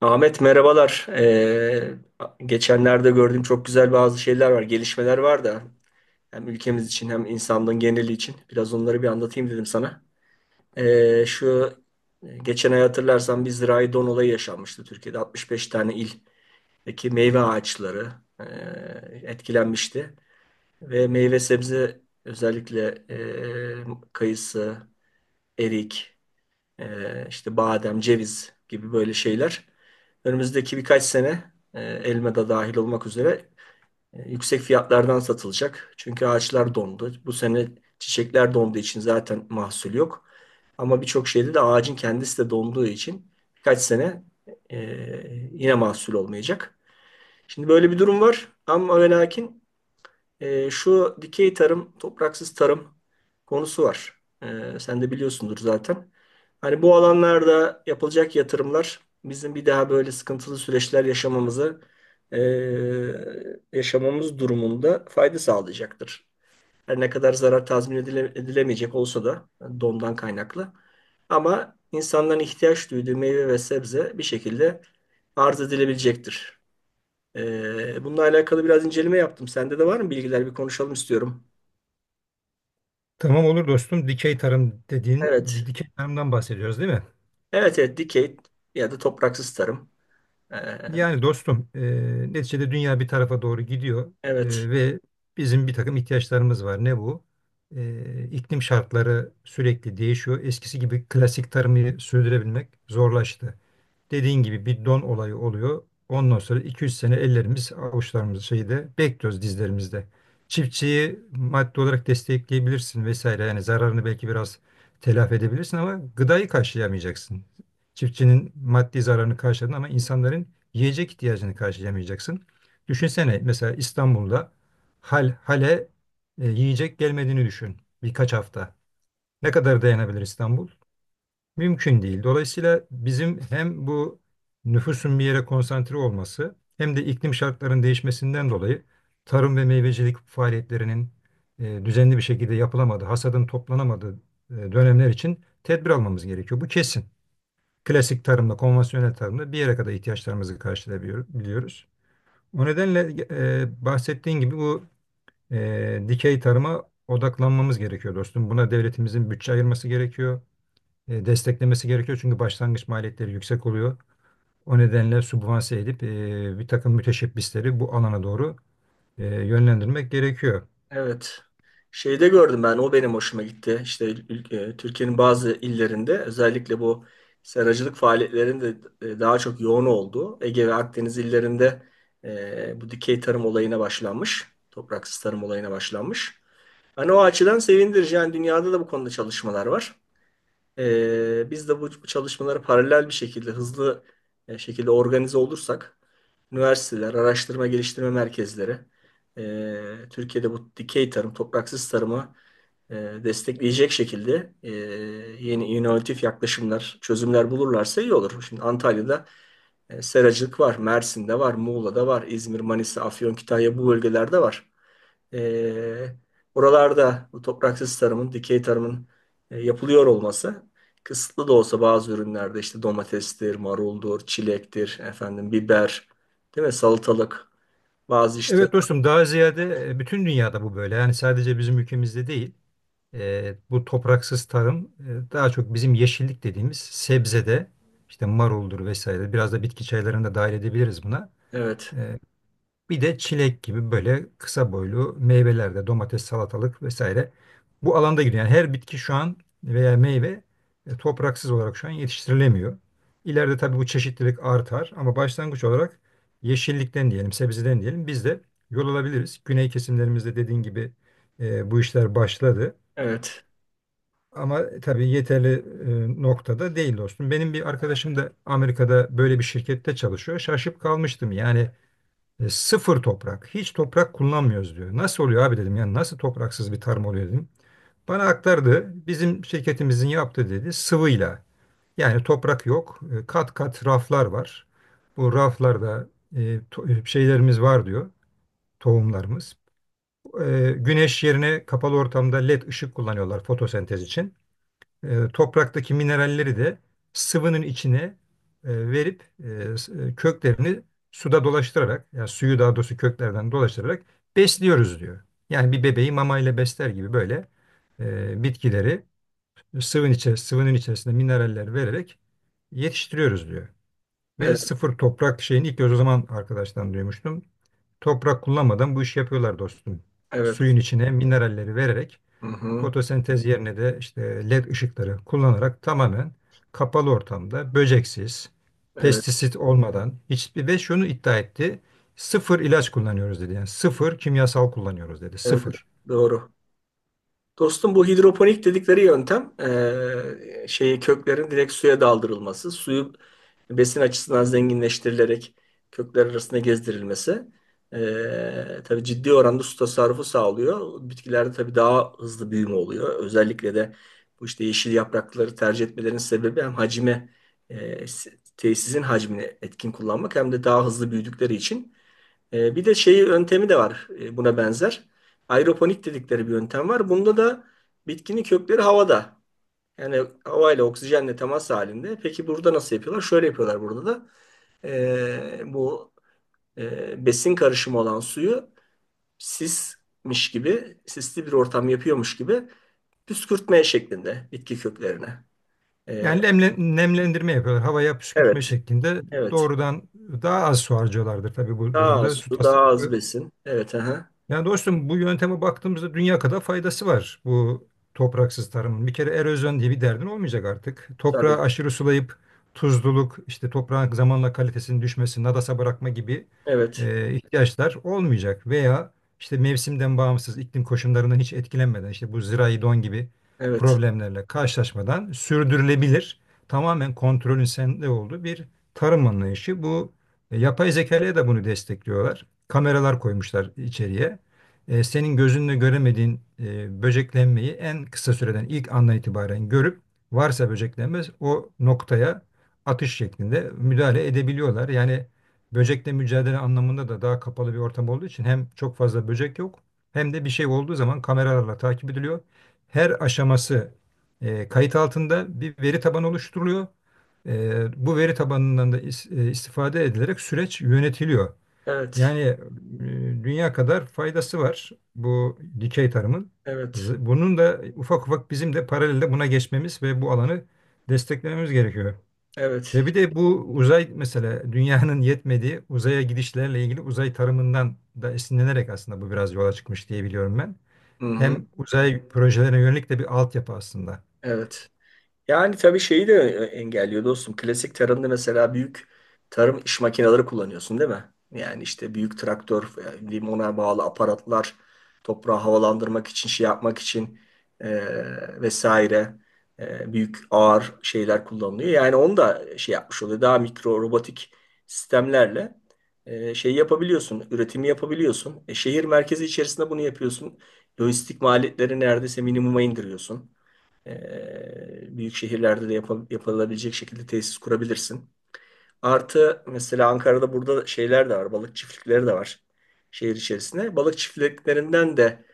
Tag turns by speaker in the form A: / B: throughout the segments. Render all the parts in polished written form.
A: Ahmet merhabalar. Geçenlerde gördüğüm çok güzel bazı şeyler var, gelişmeler var da hem ülkemiz için hem insanlığın geneli için biraz onları bir anlatayım dedim sana. Şu geçen ay hatırlarsan bir zirai don olayı yaşanmıştı Türkiye'de. 65 tane ildeki meyve ağaçları e, etkilenmişti ve meyve sebze özellikle kayısı, erik. İşte badem, ceviz gibi böyle şeyler. Önümüzdeki birkaç sene elma da dahil olmak üzere yüksek fiyatlardan satılacak. Çünkü ağaçlar dondu. Bu sene çiçekler donduğu için zaten mahsul yok. Ama birçok şeyde de ağacın kendisi de donduğu için birkaç sene e, yine mahsul olmayacak. Şimdi böyle bir durum var ama ve lakin şu dikey tarım, topraksız tarım konusu var. E, sen de biliyorsundur zaten. Hani bu alanlarda yapılacak yatırımlar bizim bir daha böyle sıkıntılı süreçler e, yaşamamız durumunda fayda sağlayacaktır. Her ne kadar zarar tazmin edilemeyecek olsa da yani dondan kaynaklı. Ama insanların ihtiyaç duyduğu meyve ve sebze bir şekilde arz edilebilecektir. Bununla alakalı biraz inceleme yaptım. Sende de var mı bilgiler? Bir konuşalım istiyorum.
B: Tamam olur dostum. Dikey tarım dediğin,
A: Evet.
B: dikey tarımdan bahsediyoruz değil mi?
A: Evet, evet. Dikey ya da topraksız tarım. Ee,
B: Yani dostum, neticede dünya bir tarafa doğru gidiyor
A: evet.
B: ve bizim bir takım ihtiyaçlarımız var. Ne bu? İklim şartları sürekli değişiyor. Eskisi gibi klasik tarımı sürdürebilmek zorlaştı. Dediğin gibi bir don olayı oluyor. Ondan sonra iki üç sene ellerimiz, avuçlarımız şeyde bekliyoruz dizlerimizde. Çiftçiyi maddi olarak destekleyebilirsin vesaire. Yani zararını belki biraz telafi edebilirsin ama gıdayı karşılayamayacaksın. Çiftçinin maddi zararını karşıladın ama insanların yiyecek ihtiyacını karşılayamayacaksın. Düşünsene mesela İstanbul'da hal hale yiyecek gelmediğini düşün birkaç hafta. Ne kadar dayanabilir İstanbul? Mümkün değil. Dolayısıyla bizim hem bu nüfusun bir yere konsantre olması hem de iklim şartlarının değişmesinden dolayı tarım ve meyvecilik faaliyetlerinin düzenli bir şekilde yapılamadığı, hasadın toplanamadığı dönemler için tedbir almamız gerekiyor. Bu kesin. Klasik tarımla, konvansiyonel tarımla bir yere kadar ihtiyaçlarımızı karşılayabiliyoruz. O nedenle bahsettiğin gibi bu dikey tarıma odaklanmamız gerekiyor dostum. Buna devletimizin bütçe ayırması gerekiyor, desteklemesi gerekiyor. Çünkü başlangıç maliyetleri yüksek oluyor. O nedenle sübvanse edip bir takım müteşebbisleri bu alana doğru yönlendirmek gerekiyor.
A: Evet. Şeyde gördüm ben. O benim hoşuma gitti. İşte Türkiye'nin bazı illerinde özellikle bu seracılık faaliyetlerinin de daha çok yoğun olduğu Ege ve Akdeniz illerinde bu dikey tarım olayına başlanmış. Topraksız tarım olayına başlanmış. Hani o açıdan sevindirici. Yani dünyada da bu konuda çalışmalar var. Biz de bu çalışmalara paralel bir şekilde, hızlı şekilde organize olursak, üniversiteler, araştırma geliştirme merkezleri, Türkiye'de bu dikey tarım, topraksız tarımı e, destekleyecek şekilde yeni inovatif yaklaşımlar, çözümler bulurlarsa iyi olur. Şimdi Antalya'da seracılık var, Mersin'de var, Muğla'da var, İzmir, Manisa, Afyon, Kütahya bu bölgelerde var. E, Buralarda bu topraksız tarımın, dikey tarımın yapılıyor olması kısıtlı da olsa bazı ürünlerde işte domatestir, maruldur, çilektir, efendim biber, değil mi? Salatalık, bazı işte
B: Evet dostum, daha ziyade bütün dünyada bu böyle. Yani sadece bizim ülkemizde değil. Bu topraksız tarım daha çok bizim yeşillik dediğimiz sebzede işte maruldur vesaire. Biraz da bitki çaylarını da dahil edebiliriz buna.
A: evet,
B: E, Bir de çilek gibi böyle kısa boylu meyveler, de domates, salatalık vesaire. Bu alanda gidiyor. Yani her bitki şu an veya meyve topraksız olarak şu an yetiştirilemiyor. İleride tabii bu çeşitlilik artar ama başlangıç olarak yeşillikten diyelim, sebzeden diyelim, biz de yol alabiliriz. Güney kesimlerimizde dediğin gibi bu işler başladı.
A: evet,
B: Ama tabii yeterli noktada değil dostum. Benim bir arkadaşım da Amerika'da böyle bir şirkette çalışıyor. Şaşıp kalmıştım. Yani sıfır toprak. Hiç toprak kullanmıyoruz diyor. Nasıl oluyor abi dedim. Yani nasıl topraksız bir tarım oluyor dedim. Bana aktardı. Bizim şirketimizin yaptığı, dedi, sıvıyla. Yani toprak yok. Kat kat raflar var. Bu raflarda e, şeylerimiz var diyor. Tohumlarımız. E, güneş yerine kapalı ortamda led ışık kullanıyorlar fotosentez için. Topraktaki mineralleri de sıvının içine verip köklerini suda dolaştırarak, yani suyu daha doğrusu köklerden dolaştırarak besliyoruz diyor. Yani bir bebeği mamayla besler gibi böyle bitkileri sıvının içerisinde mineraller vererek yetiştiriyoruz diyor. Ve
A: evet,
B: sıfır toprak şeyini ilk göz o zaman arkadaştan duymuştum. Toprak kullanmadan bu işi yapıyorlar dostum.
A: evet,
B: Suyun içine mineralleri vererek,
A: hı hı,
B: fotosentez yerine de işte led ışıkları kullanarak, tamamen kapalı ortamda, böceksiz,
A: evet,
B: pestisit olmadan, hiçbir ve şunu iddia etti. Sıfır ilaç kullanıyoruz dedi. Yani sıfır kimyasal kullanıyoruz dedi.
A: evet,
B: Sıfır.
A: doğru. Dostum bu hidroponik dedikleri yöntem şeyi köklerin direkt suya daldırılması, suyu besin açısından zenginleştirilerek kökler arasında gezdirilmesi tabii ciddi oranda su tasarrufu sağlıyor. Bitkilerde tabii daha hızlı büyüme oluyor. Özellikle de bu işte yeşil yaprakları tercih etmelerinin sebebi hem hacime eee, tesisin hacmini etkin kullanmak hem de daha hızlı büyüdükleri için. Bir de şeyi yöntemi de var, buna benzer. Aeroponik dedikleri bir yöntem var. Bunda da bitkinin kökleri havada. Yani havayla oksijenle temas halinde. Peki burada nasıl yapıyorlar? Şöyle yapıyorlar burada da. Bu besin karışımı olan suyu sismiş gibi, sisli bir ortam yapıyormuş gibi püskürtmeye şeklinde bitki köklerine. E,
B: Yani nemlendirme yapıyorlar. Havaya püskürtme
A: evet,
B: şeklinde
A: evet.
B: doğrudan. Daha az su harcıyorlardır tabii bu
A: Daha az
B: durumda. Su
A: su, daha az
B: tasarrufu.
A: besin. Evet, aha.
B: Yani dostum bu yönteme baktığımızda dünya kadar faydası var bu topraksız tarımın. Bir kere erozyon diye bir derdin olmayacak artık. Toprağı
A: Tabii.
B: aşırı sulayıp tuzluluk, işte toprağın zamanla kalitesinin düşmesi, nadasa bırakma gibi
A: Evet,
B: ihtiyaçlar olmayacak. Veya işte mevsimden bağımsız, iklim koşullarından hiç etkilenmeden, işte bu zirai don gibi
A: evet,
B: problemlerle karşılaşmadan sürdürülebilir, tamamen kontrolün sende olduğu bir tarım anlayışı. Bu yapay zekaya da bunu destekliyorlar. Kameralar koymuşlar içeriye. Senin gözünle göremediğin böceklenmeyi en kısa süreden ilk andan itibaren görüp varsa böceklenme o noktaya atış şeklinde müdahale edebiliyorlar. Yani böcekle mücadele anlamında da daha kapalı bir ortam olduğu için hem çok fazla böcek yok, hem de bir şey olduğu zaman kameralarla takip ediliyor. Her aşaması kayıt altında bir veri tabanı oluşturuluyor. Bu veri tabanından da istifade edilerek süreç yönetiliyor.
A: evet,
B: Yani dünya kadar faydası var bu dikey tarımın.
A: evet.
B: Bunun da ufak ufak bizim de paralelde buna geçmemiz ve bu alanı desteklememiz gerekiyor.
A: Evet.
B: Ve bir de bu uzay, mesela dünyanın yetmediği uzaya gidişlerle ilgili uzay tarımından da esinlenerek aslında bu biraz yola çıkmış diye biliyorum ben.
A: Hı hı.
B: Hem uzay projelerine yönelik de bir altyapı aslında.
A: Evet. Yani tabii şeyi de engelliyor dostum. Klasik tarımda mesela büyük tarım iş makineleri kullanıyorsun değil mi? Yani işte büyük traktör, yani ona bağlı aparatlar, toprağı havalandırmak için, şey yapmak için e, vesaire büyük ağır şeyler kullanılıyor. Yani onu da şey yapmış oluyor. Daha mikro robotik sistemlerle şey yapabiliyorsun, üretimi yapabiliyorsun. Şehir merkezi içerisinde bunu yapıyorsun. Lojistik maliyetleri neredeyse minimuma indiriyorsun. Büyük şehirlerde de yapılabilecek şekilde tesis kurabilirsin. Artı mesela Ankara'da burada şeyler de var. Balık çiftlikleri de var şehir içerisinde. Balık çiftliklerinden de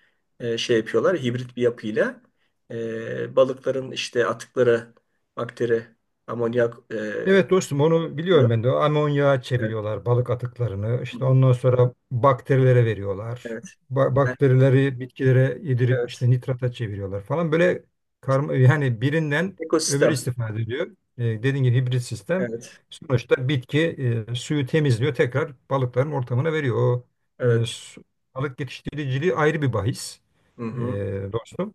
A: şey yapıyorlar. Hibrit bir yapıyla balıkların işte atıkları, bakteri, amonyak,
B: Evet dostum, onu biliyorum ben de. Amonyağa
A: evet.
B: çeviriyorlar balık atıklarını.
A: Hı
B: İşte
A: hı.
B: ondan sonra bakterilere veriyorlar.
A: Evet.
B: Bakterileri bitkilere yedirip
A: Evet.
B: işte nitrata çeviriyorlar falan. Böyle karma, yani birinden öbürü
A: Ekosistem.
B: istifade ediyor. E, dediğin gibi hibrit sistem.
A: Evet.
B: Sonuçta bitki suyu temizliyor. Tekrar balıkların ortamına veriyor. E,
A: Evet.
B: su- Balık yetiştiriciliği ayrı bir bahis
A: Hı hı.
B: e, dostum.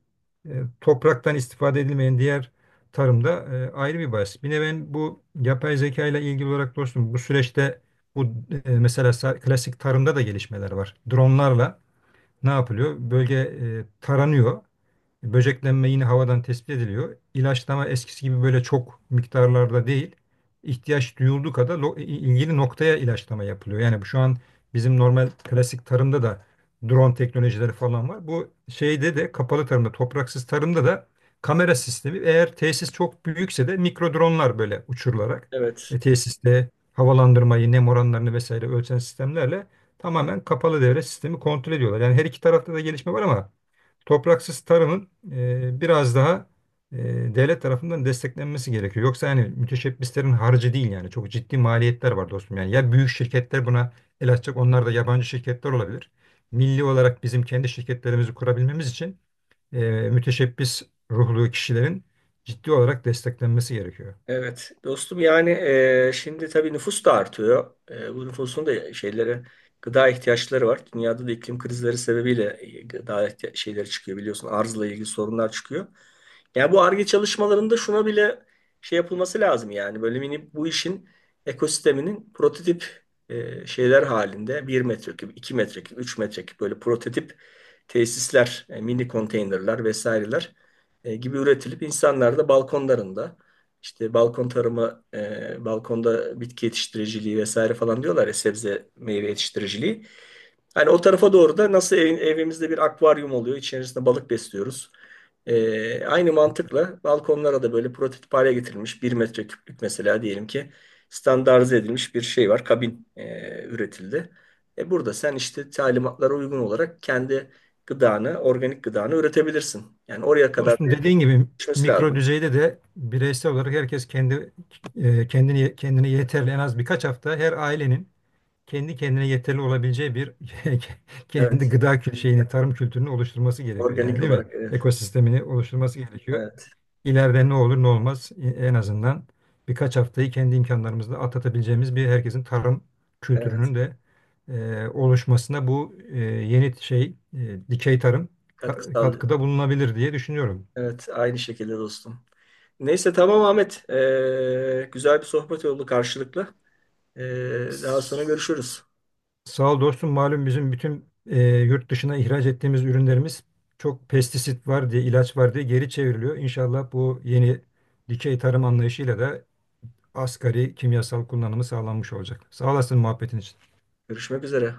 B: E, Topraktan istifade edilmeyen diğer tarımda ayrı bir bahis. Bir de ben bu yapay zeka ile ilgili olarak dostum bu süreçte bu klasik tarımda da gelişmeler var. Dronlarla ne yapılıyor? Bölge taranıyor. Böceklenme yine havadan tespit ediliyor. İlaçlama eskisi gibi böyle çok miktarlarda değil. İhtiyaç duyulduğu kadar ilgili noktaya ilaçlama yapılıyor. Yani bu şu an bizim normal klasik tarımda da drone teknolojileri falan var. Bu şeyde de, kapalı tarımda, topraksız tarımda da kamera sistemi, eğer tesis çok büyükse de mikro dronlar böyle uçurularak
A: Evet.
B: tesiste havalandırmayı, nem oranlarını vesaire ölçen sistemlerle tamamen kapalı devre sistemi kontrol ediyorlar. Yani her iki tarafta da gelişme var ama topraksız tarımın biraz daha e, devlet tarafından desteklenmesi gerekiyor. Yoksa yani müteşebbislerin harcı değil, yani çok ciddi maliyetler var dostum. Yani ya büyük şirketler buna el açacak, onlar da yabancı şirketler olabilir. Milli olarak bizim kendi şirketlerimizi kurabilmemiz için e, müteşebbis ruhlu kişilerin ciddi olarak desteklenmesi gerekiyor.
A: Evet dostum yani şimdi tabii nüfus da artıyor. Bu nüfusun da şeylere gıda ihtiyaçları var. Dünyada da iklim krizleri sebebiyle gıda şeyleri çıkıyor biliyorsun. Arzla ilgili sorunlar çıkıyor. Yani bu Ar-Ge çalışmalarında şuna bile şey yapılması lazım yani böyle mini bu işin ekosisteminin prototip şeyler halinde 1 metreküp, 2 metreküp, 3 metreküp böyle prototip tesisler, mini konteynerler vesaireler gibi üretilip insanlar da balkonlarında işte balkon tarımı, balkonda bitki yetiştiriciliği vesaire falan diyorlar ya sebze meyve yetiştiriciliği. Hani o tarafa doğru da nasıl evimizde bir akvaryum oluyor, içerisinde balık besliyoruz. Aynı mantıkla balkonlara da böyle prototip hale getirilmiş bir metre küplük mesela diyelim ki standartize edilmiş bir şey var, kabin üretildi. Burada sen işte talimatlara uygun olarak kendi gıdanı, organik gıdanı üretebilirsin. Yani oraya kadar
B: Dostum
A: bir
B: dediğin gibi
A: geçmesi
B: mikro
A: lazım.
B: düzeyde de bireysel olarak herkes kendi kendini kendine yeterli, en az birkaç hafta her ailenin kendi kendine yeterli olabileceği bir kendi
A: Evet,
B: şeyini, tarım kültürünü oluşturması gerekiyor yani
A: organik
B: değil mi?
A: olarak.
B: Ekosistemini oluşturması gerekiyor.
A: Evet,
B: İleride ne olur ne olmaz, en azından birkaç haftayı kendi imkanlarımızla atlatabileceğimiz bir, herkesin tarım
A: evet.
B: kültürünün de oluşmasına bu yeni şey, dikey tarım
A: Katkı sağlıyor.
B: katkıda bulunabilir diye düşünüyorum.
A: Evet, aynı şekilde dostum. Neyse tamam Ahmet. Güzel bir sohbet oldu karşılıklı. Daha sonra görüşürüz.
B: Sağ ol dostum. Malum bizim bütün yurt dışına ihraç ettiğimiz ürünlerimiz çok pestisit var diye, ilaç var diye geri çevriliyor. İnşallah bu yeni dikey tarım anlayışıyla da asgari kimyasal kullanımı sağlanmış olacak. Sağ olasın muhabbetin için.
A: Görüşmek üzere.